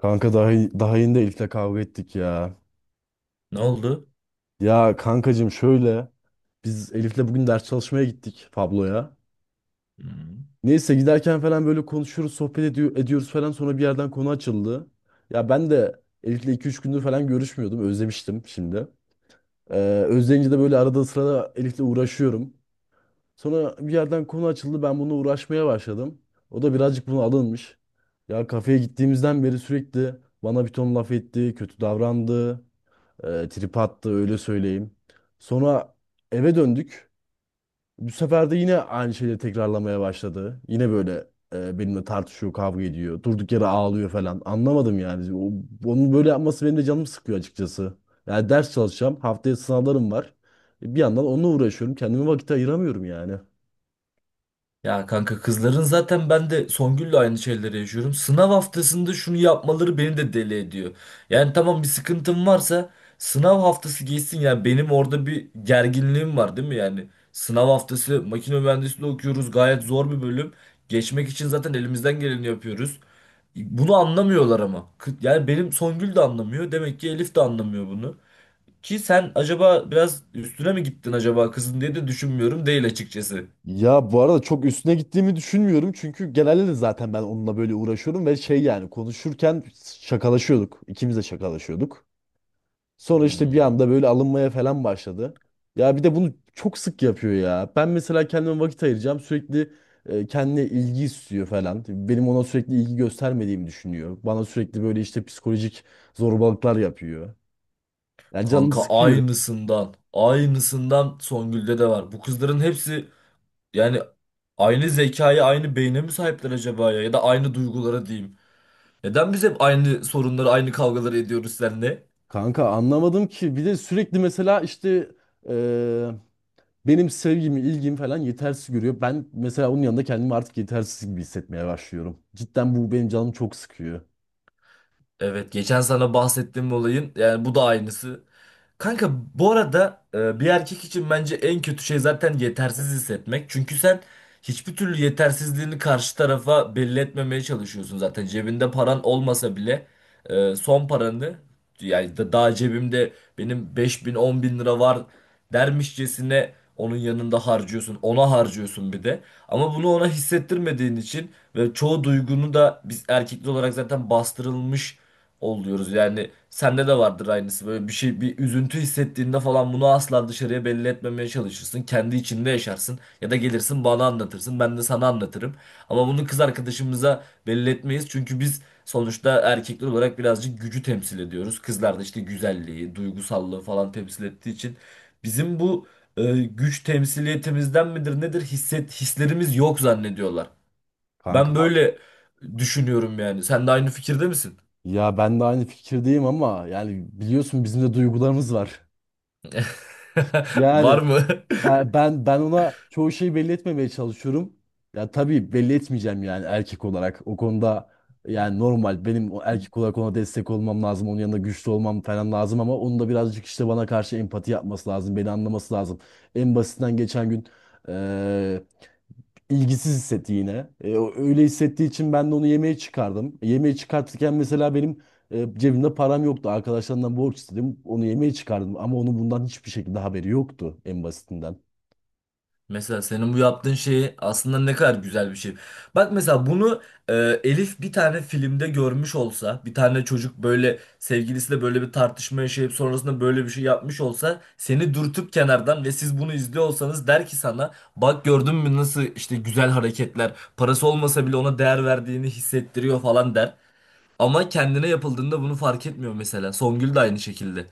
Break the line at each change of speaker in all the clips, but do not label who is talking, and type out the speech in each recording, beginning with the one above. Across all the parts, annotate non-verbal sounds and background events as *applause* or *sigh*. Kanka daha yeni de Elif'le kavga ettik ya.
Ne oldu?
Ya kankacığım şöyle biz Elif'le bugün ders çalışmaya gittik Pablo'ya.
Hmm.
Neyse giderken falan böyle konuşuyoruz, sohbet ediyoruz falan sonra bir yerden konu açıldı. Ya ben de Elif'le iki üç gündür falan görüşmüyordum. Özlemiştim şimdi. Ee, Özleyince de böyle arada sırada Elif'le uğraşıyorum. Sonra bir yerden konu açıldı. Ben bununla uğraşmaya başladım. O da birazcık buna alınmış. Ya kafeye gittiğimizden beri sürekli bana bir ton laf etti, kötü davrandı. E, trip attı öyle söyleyeyim. Sonra eve döndük. Bu sefer de yine aynı şeyleri tekrarlamaya başladı. Yine böyle benimle tartışıyor, kavga ediyor. Durduk yere ağlıyor falan. Anlamadım yani. Onun böyle yapması benim de canımı sıkıyor açıkçası. Yani ders çalışacağım. Haftaya sınavlarım var. Bir yandan onunla uğraşıyorum. Kendime vakit ayıramıyorum yani.
Ya kanka kızların zaten ben de Songül'le aynı şeyleri yaşıyorum. Sınav haftasında şunu yapmaları beni de deli ediyor. Yani tamam bir sıkıntım varsa sınav haftası geçsin, yani benim orada bir gerginliğim var, değil mi? Yani sınav haftası, makine mühendisliği okuyoruz, gayet zor bir bölüm. Geçmek için zaten elimizden geleni yapıyoruz. Bunu anlamıyorlar ama. Yani benim Songül de anlamıyor. Demek ki Elif de anlamıyor bunu. Ki sen acaba biraz üstüne mi gittin acaba kızın diye de düşünmüyorum değil, açıkçası.
Ya bu arada çok üstüne gittiğimi düşünmüyorum. Çünkü genelde de zaten ben onunla böyle uğraşıyorum ve şey yani konuşurken şakalaşıyorduk. İkimiz de şakalaşıyorduk. Sonra işte bir
Hmm.
anda böyle alınmaya falan başladı. Ya bir de bunu çok sık yapıyor ya. Ben mesela kendime vakit ayıracağım. Sürekli kendine ilgi istiyor falan. Benim ona sürekli ilgi göstermediğimi düşünüyor. Bana sürekli böyle işte psikolojik zorbalıklar yapıyor. Ya canımı
Kanka,
sıkıyor.
aynısından. Aynısından Songül'de de var. Bu kızların hepsi, yani aynı zekaya, aynı beyne mi sahipler acaba ya? Ya da aynı duygulara diyeyim. Neden biz hep aynı sorunları, aynı kavgaları ediyoruz seninle?
Kanka anlamadım ki. Bir de sürekli mesela işte e, benim sevgimi, ilgimi falan yetersiz görüyor. Ben mesela onun yanında kendimi artık yetersiz gibi hissetmeye başlıyorum. Cidden bu benim canımı çok sıkıyor.
Evet, geçen sana bahsettiğim olayın, yani bu da aynısı. Kanka, bu arada bir erkek için bence en kötü şey zaten yetersiz hissetmek. Çünkü sen hiçbir türlü yetersizliğini karşı tarafa belli etmemeye çalışıyorsun zaten. Cebinde paran olmasa bile, son paranı, yani daha cebimde benim 5 bin 10 bin lira var dermişçesine onun yanında harcıyorsun. Ona harcıyorsun bir de. Ama bunu ona hissettirmediğin için ve çoğu duygunu da biz erkekli olarak zaten bastırılmış oluyoruz. Yani sende de vardır aynısı. Böyle bir şey, bir üzüntü hissettiğinde falan bunu asla dışarıya belli etmemeye çalışırsın. Kendi içinde yaşarsın ya da gelirsin bana anlatırsın. Ben de sana anlatırım. Ama bunu kız arkadaşımıza belli etmeyiz. Çünkü biz sonuçta erkekler olarak birazcık gücü temsil ediyoruz. Kızlar da işte güzelliği, duygusallığı falan temsil ettiği için, bizim bu güç temsiliyetimizden midir nedir hislerimiz yok zannediyorlar. Ben
Kanka.
böyle düşünüyorum yani. Sen de aynı fikirde misin?
Ya ben de aynı fikirdeyim ama yani biliyorsun bizim de duygularımız var.
*laughs*
Yani
Var mı? *laughs*
ben ona çoğu şeyi belli etmemeye çalışıyorum. Ya tabii belli etmeyeceğim yani erkek olarak. O konuda yani normal benim o erkek olarak ona destek olmam lazım. Onun yanında güçlü olmam falan lazım ama onun da birazcık işte bana karşı empati yapması lazım. Beni anlaması lazım. En basitinden geçen gün e, ilgisiz hissetti yine. Öyle hissettiği için ben de onu yemeğe çıkardım. Yemeğe çıkartırken mesela benim cebimde param yoktu. Arkadaşlarımdan borç istedim. Onu yemeğe çıkardım. Ama onun bundan hiçbir şekilde haberi yoktu en basitinden.
Mesela senin bu yaptığın şeyi, aslında ne kadar güzel bir şey. Bak mesela bunu, e, Elif bir tane filmde görmüş olsa, bir tane çocuk böyle sevgilisiyle böyle bir tartışma yaşayıp sonrasında böyle bir şey yapmış olsa, seni dürtüp kenardan ve siz bunu izliyor olsanız, der ki sana, bak gördün mü nasıl işte güzel hareketler, parası olmasa bile ona değer verdiğini hissettiriyor falan der. Ama kendine yapıldığında bunu fark etmiyor mesela. Songül de aynı şekilde.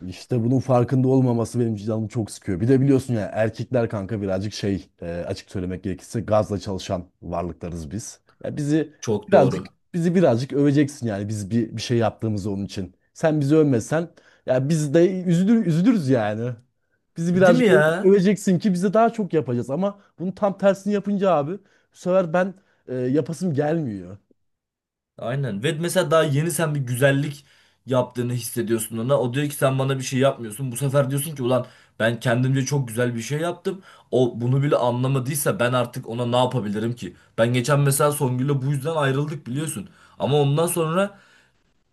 İşte bunun farkında olmaması benim canımı çok sıkıyor. Bir de biliyorsun ya erkekler kanka birazcık şey açık söylemek gerekirse gazla çalışan varlıklarız biz. Ya
Çok
birazcık
doğru.
bizi birazcık öveceksin yani biz bir şey yaptığımız onun için. Sen bizi övmesen ya biz de üzülürüz yani. Bizi
Değil mi
birazcık
ya?
öveceksin ki bize daha çok yapacağız ama bunu tam tersini yapınca abi bu sefer ben yapasım gelmiyor.
Aynen. Ve mesela daha yeni sen bir güzellik yaptığını hissediyorsun ona. O diyor ki sen bana bir şey yapmıyorsun. Bu sefer diyorsun ki ulan, ben kendimce çok güzel bir şey yaptım. O bunu bile anlamadıysa ben artık ona ne yapabilirim ki? Ben geçen mesela Songül'le bu yüzden ayrıldık, biliyorsun. Ama ondan sonra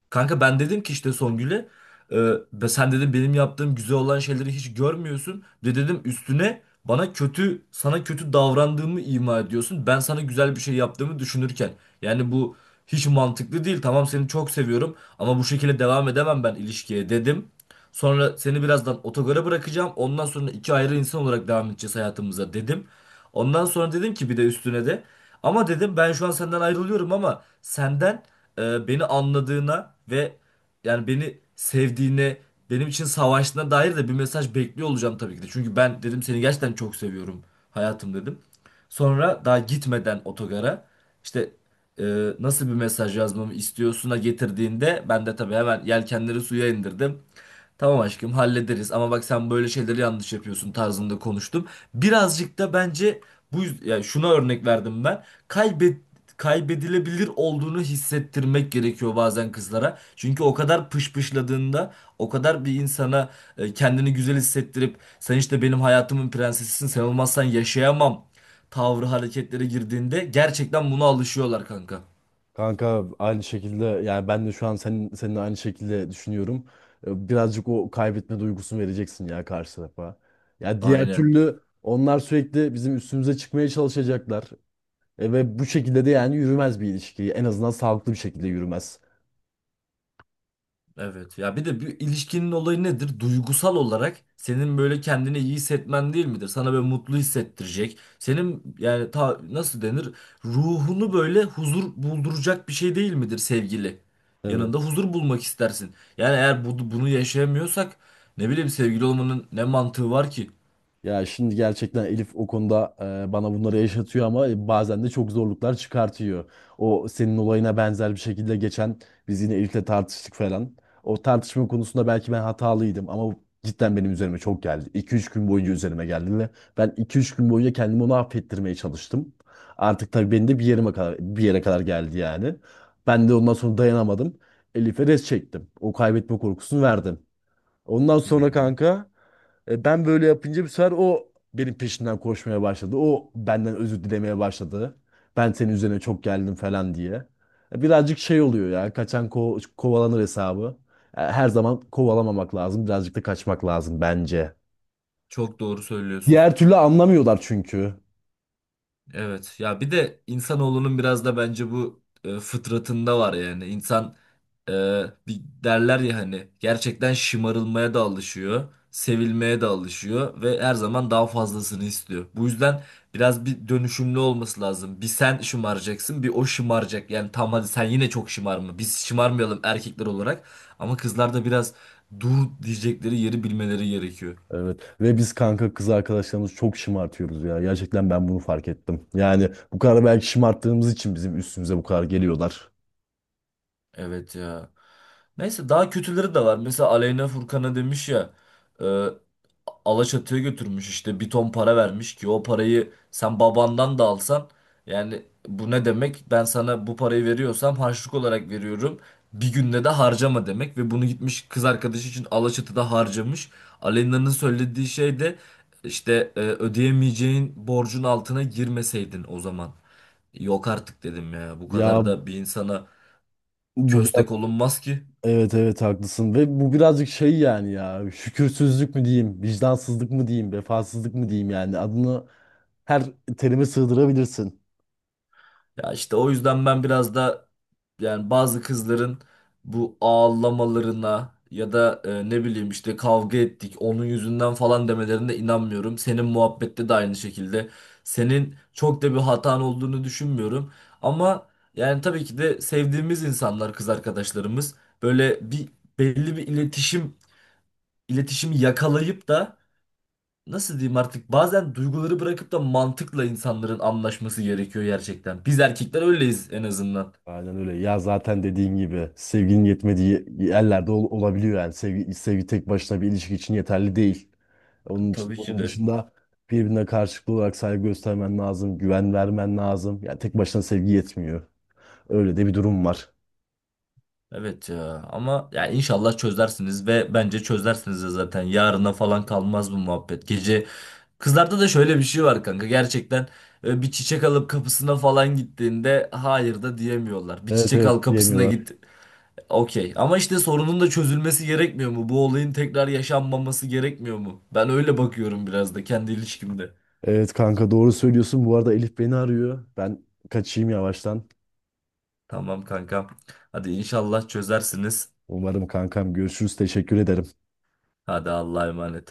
kanka, ben dedim ki işte Songül'e, e, sen dedim benim yaptığım güzel olan şeyleri hiç görmüyorsun. Bir de dedim üstüne bana kötü, sana kötü davrandığımı ima ediyorsun. Ben sana güzel bir şey yaptığımı düşünürken. Yani bu hiç mantıklı değil. Tamam, seni çok seviyorum ama bu şekilde devam edemem ben ilişkiye, dedim. Sonra seni birazdan otogara bırakacağım. Ondan sonra iki ayrı insan olarak devam edeceğiz hayatımıza, dedim. Ondan sonra dedim ki bir de üstüne de, ama dedim ben şu an senden ayrılıyorum ama senden beni anladığına ve, yani beni sevdiğine, benim için savaştığına dair de bir mesaj bekliyor olacağım tabii ki de. Çünkü ben dedim seni gerçekten çok seviyorum hayatım, dedim. Sonra daha gitmeden otogara, işte, e, nasıl bir mesaj yazmamı istiyorsuna getirdiğinde, ben de tabii hemen yelkenleri suya indirdim. Tamam aşkım, hallederiz ama bak sen böyle şeyleri yanlış yapıyorsun tarzında konuştum. Birazcık da bence bu yani şuna örnek verdim ben. Kaybedilebilir olduğunu hissettirmek gerekiyor bazen kızlara. Çünkü o kadar pışpışladığında, o kadar bir insana kendini güzel hissettirip sen işte benim hayatımın prensesisin, sen olmazsan yaşayamam tavrı hareketlere girdiğinde gerçekten buna alışıyorlar kanka.
Kanka aynı şekilde yani ben de şu an seninle aynı şekilde düşünüyorum. Birazcık o kaybetme duygusunu vereceksin ya karşı tarafa. Ya diğer
Aynen.
türlü onlar sürekli bizim üstümüze çıkmaya çalışacaklar. E ve bu şekilde de yani yürümez bir ilişki. En azından sağlıklı bir şekilde yürümez.
Evet ya, bir de bir ilişkinin olayı nedir? Duygusal olarak senin böyle kendini iyi hissetmen değil midir? Sana böyle mutlu hissettirecek. Senin yani nasıl denir? Ruhunu böyle huzur bulduracak bir şey değil midir sevgili? Yanında
Evet.
huzur bulmak istersin. Yani eğer bunu yaşayamıyorsak, ne bileyim, sevgili olmanın ne mantığı var ki?
Ya şimdi gerçekten Elif o konuda bana bunları yaşatıyor ama bazen de çok zorluklar çıkartıyor. O senin olayına benzer bir şekilde geçen biz yine Elif'le tartıştık falan. O tartışma konusunda belki ben hatalıydım ama bu cidden benim üzerime çok geldi. iki üç gün boyunca üzerime geldi ve ben iki üç gün boyunca kendimi onu affettirmeye çalıştım. Artık tabii beni de bir yere kadar geldi yani. Ben de ondan sonra dayanamadım. Elif'e res çektim. O kaybetme korkusunu verdim. Ondan sonra
Hmm,
kanka ben böyle yapınca bir sefer o benim peşimden koşmaya başladı. O benden özür dilemeye başladı. Ben senin üzerine çok geldim falan diye. E, birazcık şey oluyor ya. Kaçan kovalanır hesabı. Her zaman kovalamamak lazım. Birazcık da kaçmak lazım bence.
çok doğru söylüyorsun.
Diğer türlü anlamıyorlar çünkü.
Evet ya, bir de insanoğlunun biraz da bence bu fıtratında var yani. İnsan, bir derler ya hani, gerçekten şımarılmaya da alışıyor, sevilmeye de alışıyor ve her zaman daha fazlasını istiyor. Bu yüzden biraz bir dönüşümlü olması lazım. Bir sen şımaracaksın, bir o şımaracak. Yani tamam, hadi sen yine çok şımarma. Biz şımarmayalım erkekler olarak ama kızlar da biraz dur diyecekleri yeri bilmeleri gerekiyor.
Evet ve biz kanka kız arkadaşlarımızı çok şımartıyoruz ya. Gerçekten ben bunu fark ettim. Yani bu kadar belki şımarttığımız için bizim üstümüze bu kadar geliyorlar.
Evet ya. Neyse, daha kötüleri de var. Mesela Aleyna, Furkan'a demiş ya, e, Alaçatı'ya götürmüş, işte bir ton para vermiş ki o parayı sen babandan da alsan, yani bu ne demek? Ben sana bu parayı veriyorsam harçlık olarak veriyorum. Bir günde de harcama demek, ve bunu gitmiş kız arkadaşı için Alaçatı'da harcamış. Aleyna'nın söylediği şey de işte, ödeyemeyeceğin borcun altına girmeseydin o zaman. Yok artık, dedim ya. Bu
Ya
kadar da bir insana
bu
köstek olunmaz ki.
Evet evet haklısın ve bu birazcık şey yani ya şükürsüzlük mü diyeyim, vicdansızlık mı diyeyim, vefasızlık mı diyeyim yani adını her terime sığdırabilirsin.
Ya işte o yüzden ben biraz da, yani bazı kızların bu ağlamalarına ya da, ne bileyim işte kavga ettik onun yüzünden falan demelerine inanmıyorum. Senin muhabbette de aynı şekilde. Senin çok da bir hatan olduğunu düşünmüyorum. Ama yani tabii ki de sevdiğimiz insanlar, kız arkadaşlarımız, böyle bir belli bir iletişimi yakalayıp da, nasıl diyeyim artık, bazen duyguları bırakıp da mantıkla insanların anlaşması gerekiyor gerçekten. Biz erkekler öyleyiz en azından.
Aynen öyle ya zaten dediğin gibi sevginin yetmediği yerlerde olabiliyor yani sevgi tek başına bir ilişki için yeterli değil. Onun için,
Tabii ki
onun
de.
dışında birbirine karşılıklı olarak saygı göstermen lazım, güven vermen lazım. Yani tek başına sevgi yetmiyor. Öyle de bir durum var.
Evet ya, ama ya inşallah çözersiniz ve bence çözersiniz de zaten, yarına falan kalmaz bu muhabbet. Gece. Kızlarda da şöyle bir şey var kanka gerçekten, bir çiçek alıp kapısına falan gittiğinde hayır da diyemiyorlar. Bir
Evet,
çiçek
evet
al, kapısına
diyemiyorlar.
git. Okey. Ama işte sorunun da çözülmesi gerekmiyor mu? Bu olayın tekrar yaşanmaması gerekmiyor mu? Ben öyle bakıyorum biraz da kendi ilişkimde.
Evet kanka doğru söylüyorsun. Bu arada Elif beni arıyor. Ben kaçayım yavaştan.
Tamam kanka. Hadi inşallah çözersiniz.
Umarım kankam, görüşürüz. Teşekkür ederim.
Hadi Allah'a emanet.